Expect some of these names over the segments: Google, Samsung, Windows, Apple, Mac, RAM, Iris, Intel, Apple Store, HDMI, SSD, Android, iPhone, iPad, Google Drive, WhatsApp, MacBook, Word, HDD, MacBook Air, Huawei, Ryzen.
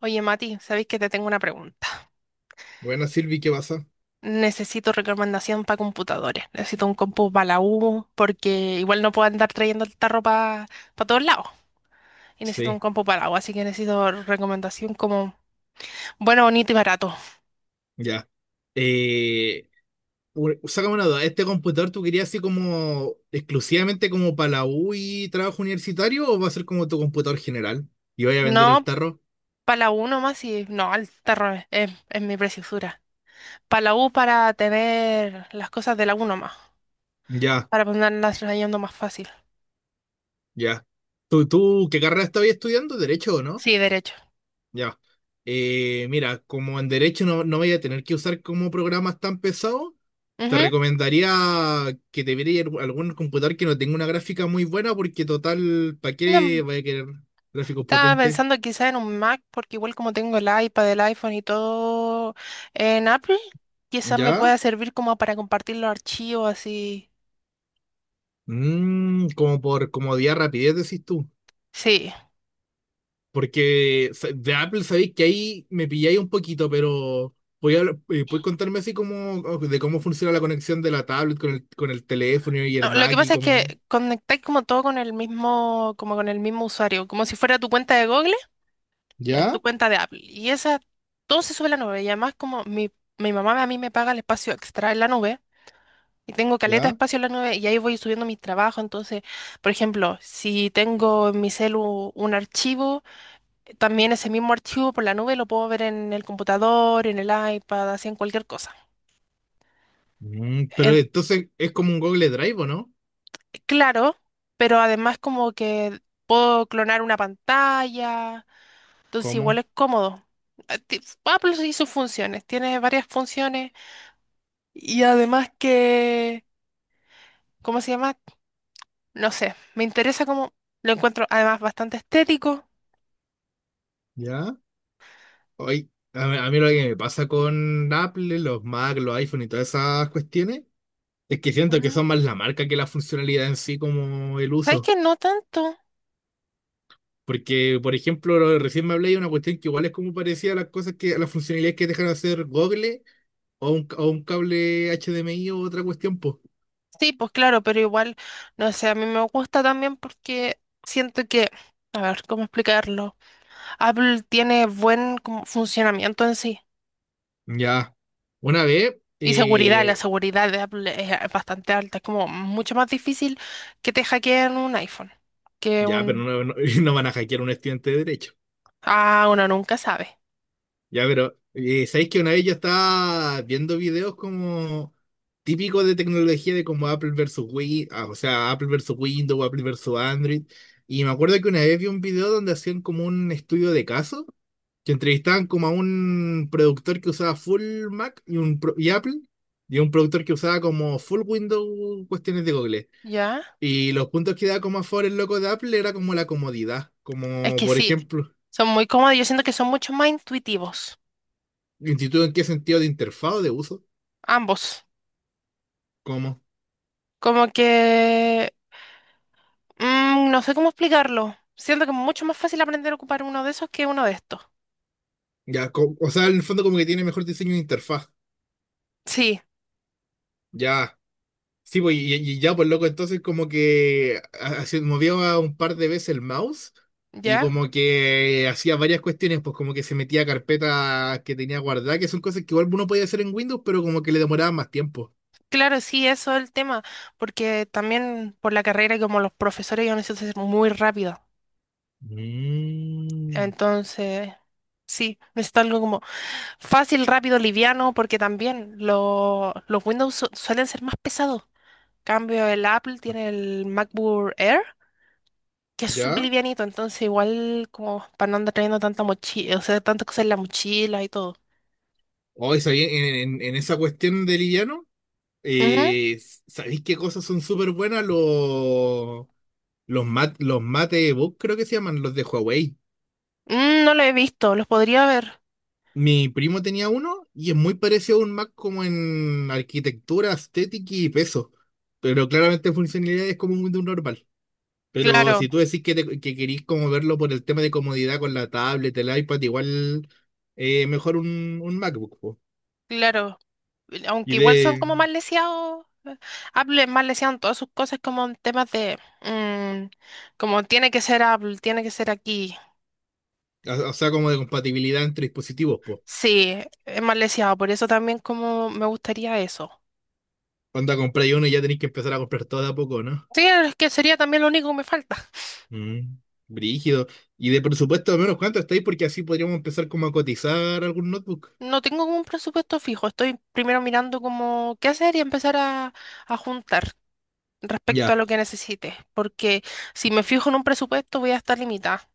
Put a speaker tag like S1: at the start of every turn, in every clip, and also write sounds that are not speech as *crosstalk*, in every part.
S1: Oye, Mati, sabéis que te tengo una pregunta.
S2: Buena Silvi, ¿qué pasa?
S1: Necesito recomendación para computadores. Necesito un compu para la U, porque igual no puedo andar trayendo el tarro para todos lados. Y necesito un
S2: Sí,
S1: compu para la U, así que necesito recomendación como bueno, bonito y barato.
S2: ya. Eh, Sácame una duda, ¿este computador tú querías así como exclusivamente como para la U y trabajo universitario o va a ser como tu computador general? ¿Y vaya a vender el
S1: No,
S2: tarro?
S1: para la U nomás. Y no, el tarro es mi preciosura. Para la U para tener las cosas de la U nomás,
S2: Ya,
S1: para ponerlas trayendo más fácil.
S2: ya. ¿Tú qué carrera estabas estudiando? ¿Derecho o no?
S1: Sí, derecho.
S2: Ya. Mira, como en derecho no, no voy a tener que usar como programas tan pesados, te
S1: Ujú.
S2: recomendaría que te vieras algún computador que no tenga una gráfica muy buena, porque total, ¿para
S1: No,
S2: qué vaya a querer gráficos
S1: estaba
S2: potentes?
S1: pensando quizá en un Mac, porque igual como tengo el iPad, el iPhone y todo en Apple, quizás me
S2: ¿Ya?
S1: pueda servir como para compartir los archivos así.
S2: Como por comodidad, rapidez, decís tú.
S1: Sí.
S2: Porque de Apple sabéis que ahí me pilláis un poquito, pero ¿puedes contarme así como o de cómo funciona la conexión de la tablet con el teléfono y el
S1: No, lo que
S2: Mac y
S1: pasa es
S2: cómo...
S1: que conectáis como todo con el mismo, como con el mismo usuario, como si fuera tu cuenta de Google, ya es tu
S2: ¿Ya?
S1: cuenta de Apple. Y esa, todo se sube a la nube. Y además como mi mamá a mí me paga el espacio extra en la nube. Y tengo caleta de
S2: ¿Ya?
S1: espacio en la nube y ahí voy subiendo mis trabajos. Entonces, por ejemplo, si tengo en mi celu un archivo, también ese mismo archivo por la nube lo puedo ver en el computador, en el iPad, así en cualquier cosa.
S2: Pero
S1: En-
S2: entonces es como un Google Drive, ¿o no?
S1: claro, pero además como que puedo clonar una pantalla, entonces igual
S2: ¿Cómo?
S1: es cómodo. Ah, Apple y sus funciones, tiene varias funciones y además que, ¿cómo se llama? No sé, me interesa como lo encuentro además bastante estético.
S2: ¿Ya? Hoy, a mí lo que me pasa con Apple, los Mac, los iPhone y todas esas cuestiones, es que siento que
S1: Ujú.
S2: son más la marca que la funcionalidad en sí como el
S1: ¿Sabes
S2: uso.
S1: qué? No tanto.
S2: Porque, por ejemplo, recién me hablé de una cuestión que igual es como parecía a las cosas a las funcionalidades que dejan de hacer Google o un cable HDMI o otra cuestión, pues.
S1: Sí, pues claro, pero igual, no sé, a mí me gusta también porque siento que, a ver, ¿cómo explicarlo? Apple tiene buen como funcionamiento en sí
S2: Ya. Una vez,
S1: y seguridad, la seguridad de Apple es bastante alta, es como mucho más difícil que te hackeen un iPhone que
S2: ya, pero
S1: un...
S2: no, no, *laughs* no van a hackear a un estudiante de derecho.
S1: Ah, uno nunca sabe,
S2: Ya, pero ¿sabéis que una vez yo estaba viendo videos como típicos de tecnología de como Apple versus o sea, Apple versus Windows, Apple versus Android, y me acuerdo que una vez vi un video donde hacían como un estudio de caso, que entrevistaban como a un productor que usaba full Mac y y Apple, y un productor que usaba como full Windows cuestiones de Google.
S1: ¿ya?
S2: Y los puntos que daba como a favor el loco de Apple era como la comodidad,
S1: Es
S2: como
S1: que
S2: por
S1: sí,
S2: ejemplo,
S1: son muy cómodos, yo siento que son mucho más intuitivos,
S2: ¿instituto en qué sentido de interfaz o de uso?
S1: ambos.
S2: ¿Cómo?
S1: Como que mm, no sé cómo explicarlo. Siento que es mucho más fácil aprender a ocupar uno de esos que uno de estos.
S2: Ya, o sea, en el fondo como que tiene mejor diseño de interfaz.
S1: Sí,
S2: Ya. Sí, pues, y ya, pues loco, entonces como que movió a un par de veces el mouse y
S1: ¿ya?
S2: como que hacía varias cuestiones, pues como que se metía a carpetas que tenía guardadas, que son cosas que igual uno podía hacer en Windows, pero como que le demoraban más tiempo.
S1: Claro, sí, eso es el tema, porque también por la carrera y como los profesores yo necesito ser muy rápido.
S2: Mm,
S1: Entonces, sí, necesito algo como fácil, rápido, liviano, porque también los Windows suelen ser más pesados. Cambio el Apple tiene el MacBook Air, que es súper
S2: ¿Ya?
S1: livianito, entonces igual como para no andar trayendo tanta mochila, o sea, tanta cosa en la mochila y todo.
S2: Hoy, ¿sabéis? En esa cuestión de liviano, eh, ¿sabéis qué cosas son súper buenas? Los matebook creo que se llaman, los de Huawei.
S1: Mm, no lo he visto, los podría ver.
S2: Mi primo tenía uno y es muy parecido a un Mac como en arquitectura, estética y peso. Pero claramente funcionalidad es como un Windows normal. Pero
S1: Claro,
S2: si tú decís que, que querís como verlo por el tema de comodidad con la tablet, el iPad, igual mejor un MacBook, po.
S1: claro.
S2: Y
S1: Aunque igual son
S2: de,
S1: como más leseados. Apple es más leseado en todas sus cosas como en temas de... mm, como tiene que ser Apple, tiene que ser aquí.
S2: o sea, como de compatibilidad entre dispositivos, po.
S1: Sí, es más leseado, por eso también como me gustaría eso.
S2: Cuando compráis uno y ya tenéis que empezar a comprar todo de a poco, ¿no?
S1: Sí, es que sería también lo único que me falta.
S2: Mm, brígido. Y de presupuesto, al menos cuánto estáis, porque así podríamos empezar como a cotizar algún notebook.
S1: No tengo como un presupuesto fijo, estoy primero mirando como qué hacer y empezar a juntar respecto a
S2: Ya.
S1: lo que necesite, porque si me fijo en un presupuesto voy a estar limitada,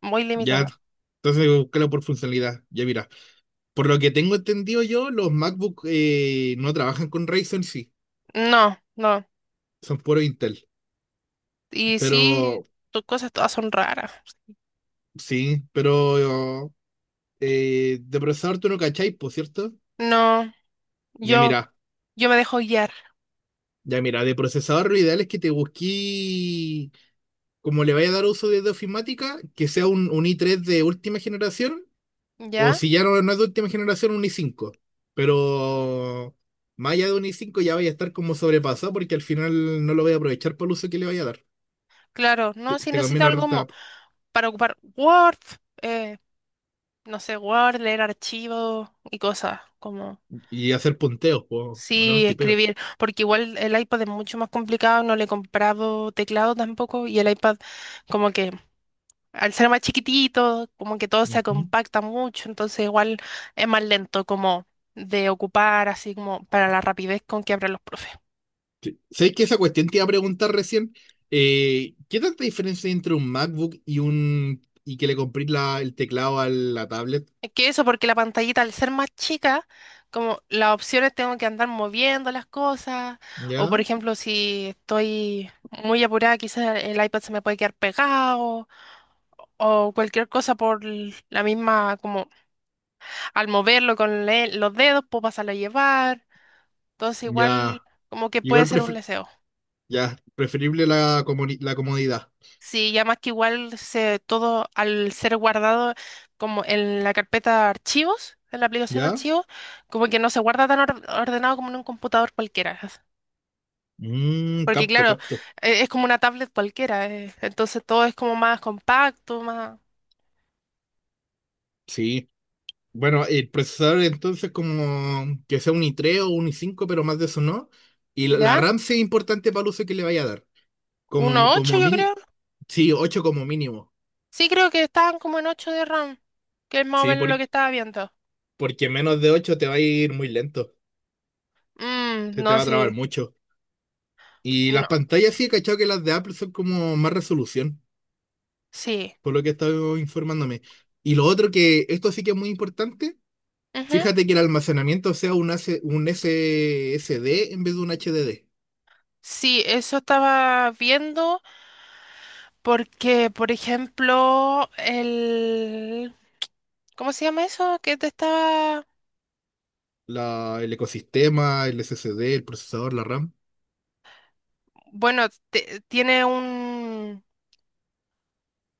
S1: muy
S2: Ya,
S1: limitada.
S2: entonces búscalo por funcionalidad. Ya mira, por lo que tengo entendido yo, los MacBook no trabajan con Ryzen, sí,
S1: No, no.
S2: son puro Intel.
S1: Y sí,
S2: Pero,
S1: tus cosas todas son raras.
S2: sí, pero de procesador tú no cacháis, por cierto.
S1: No,
S2: Ya
S1: yo,
S2: mira,
S1: yo me dejo guiar,
S2: ya mira, de procesador lo ideal es que te busqué, como le vaya a dar uso de ofimática, que sea un i3 de última generación. O
S1: ¿ya?
S2: si ya no, no es de última generación, un i5. Pero más allá de un i5 ya vaya a estar como sobrepasado porque al final no lo voy a aprovechar por el uso que le vaya a dar.
S1: Claro,
S2: Te,
S1: no, si
S2: te
S1: necesito
S2: conviene ahorrar
S1: algo para ocupar Word, eh, no sé, Word, leer archivos y cosas, como
S2: y hacer punteos, po. O no,
S1: sí,
S2: tipeo.
S1: escribir, porque igual el iPad es mucho más complicado, no le he comprado teclado tampoco y el iPad como que al ser más chiquitito, como que todo se
S2: Ujú.
S1: compacta mucho, entonces igual es más lento como de ocupar, así como para la rapidez con que abren los profes.
S2: Sí. ¿Sabes que esa cuestión te iba a preguntar recién? ¿Qué tanta diferencia hay entre un MacBook y un y que le compré el teclado a la tablet?
S1: Es que eso, porque la pantallita al ser más chica, como las opciones tengo que andar moviendo las cosas, o por
S2: ¿Ya?
S1: ejemplo, si estoy muy apurada, quizás el iPad se me puede quedar pegado, o cualquier cosa por la misma, como al moverlo con los dedos, puedo pasarlo a llevar, entonces
S2: Ya.
S1: igual como que puede
S2: Igual
S1: ser un
S2: prefer-
S1: leseo.
S2: ya, preferible la comodidad.
S1: Sí, ya más que igual se, todo al ser guardado como en la carpeta archivos, en la aplicación
S2: ¿Ya?
S1: archivos, como que no se guarda tan ordenado como en un computador cualquiera.
S2: Mm,
S1: Porque
S2: capto,
S1: claro,
S2: capto.
S1: es como una tablet cualquiera, entonces todo es como más compacto, más...
S2: Sí. Bueno, el procesador entonces como que sea un i3 o un i5, pero más de eso no. Y la
S1: ¿Ya?
S2: RAM sí es importante para el uso que le vaya a dar.
S1: Uno
S2: Como,
S1: punto ocho
S2: como
S1: yo
S2: mini,
S1: creo.
S2: sí, 8 como mínimo.
S1: Sí, creo que estaban como en 8 de RAM, que es más o
S2: Sí,
S1: menos lo que estaba viendo.
S2: porque menos de 8 te va a ir muy lento.
S1: Mm,
S2: Se te
S1: no,
S2: va a
S1: sí,
S2: trabar mucho. Y
S1: no,
S2: las pantallas sí, he cachado que las de Apple son como más resolución,
S1: sí.
S2: por lo que he estado informándome. Y lo otro que, esto sí que es muy importante,
S1: Ujú.
S2: fíjate que el almacenamiento sea un, AC, un SSD en vez de un HDD.
S1: Sí, eso estaba viendo. Porque, por ejemplo, el... ¿Cómo se llama eso? Que te estaba...
S2: La, el ecosistema, el S S D, el procesador, la RAM.
S1: Bueno, tiene un,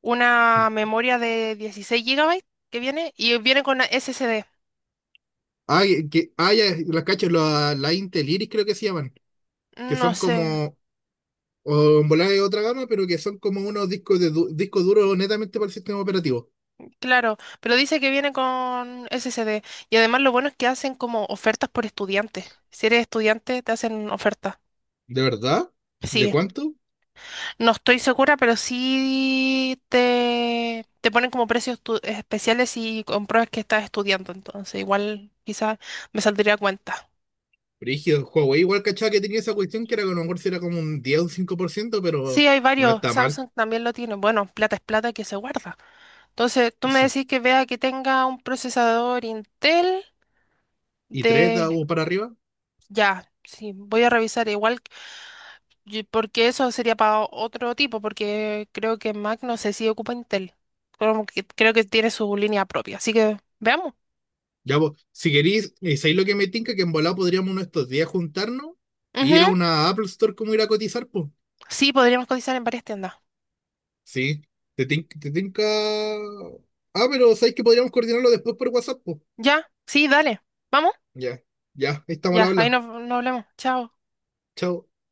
S1: una memoria de 16 GB que viene y viene con SSD.
S2: Ya, las cachas, la Intel Iris creo que se llaman, que
S1: No
S2: son
S1: sé,
S2: como, o en volada de otra gama, pero que son como unos discos disco duro netamente para el sistema operativo.
S1: claro, pero dice que viene con SSD. Y además lo bueno es que hacen como ofertas por estudiantes. Si eres estudiante, te hacen ofertas.
S2: ¿De verdad? ¿De
S1: Sí.
S2: cuánto?
S1: No estoy segura, pero sí te ponen como precios especiales y compruebas que estás estudiando, entonces igual quizás me saldría a cuenta.
S2: Brígido, Huawei igual cachaba que tenía esa cuestión que era que a lo mejor si era como un 10 o un 5%,
S1: Sí,
S2: pero
S1: hay
S2: no
S1: varios,
S2: está mal.
S1: Samsung también lo tiene, bueno, plata es plata que se guarda. Entonces, tú me
S2: Sí.
S1: decís que vea que tenga un procesador Intel
S2: ¿Y 3
S1: de...
S2: o para arriba?
S1: Ya, sí, voy a revisar igual, porque eso sería para otro tipo, porque creo que Mac no sé si ocupa Intel, como creo que tiene su línea propia, así que veamos.
S2: Ya, vos, si querís ¿sabéis lo que me tinca? Que en volado podríamos uno de estos días juntarnos y ir a una Apple Store como ir a cotizar, pues.
S1: Sí, podríamos cotizar en varias tiendas.
S2: Sí, te tinca. Ah, pero ¿sabéis que podríamos coordinarlo después por WhatsApp, pues?
S1: ¿Ya? Sí, dale. ¿Vamos?
S2: Ya, ya, ahí estamos al
S1: Ya, ahí
S2: habla.
S1: nos, nos hablamos. Chao.
S2: Chao.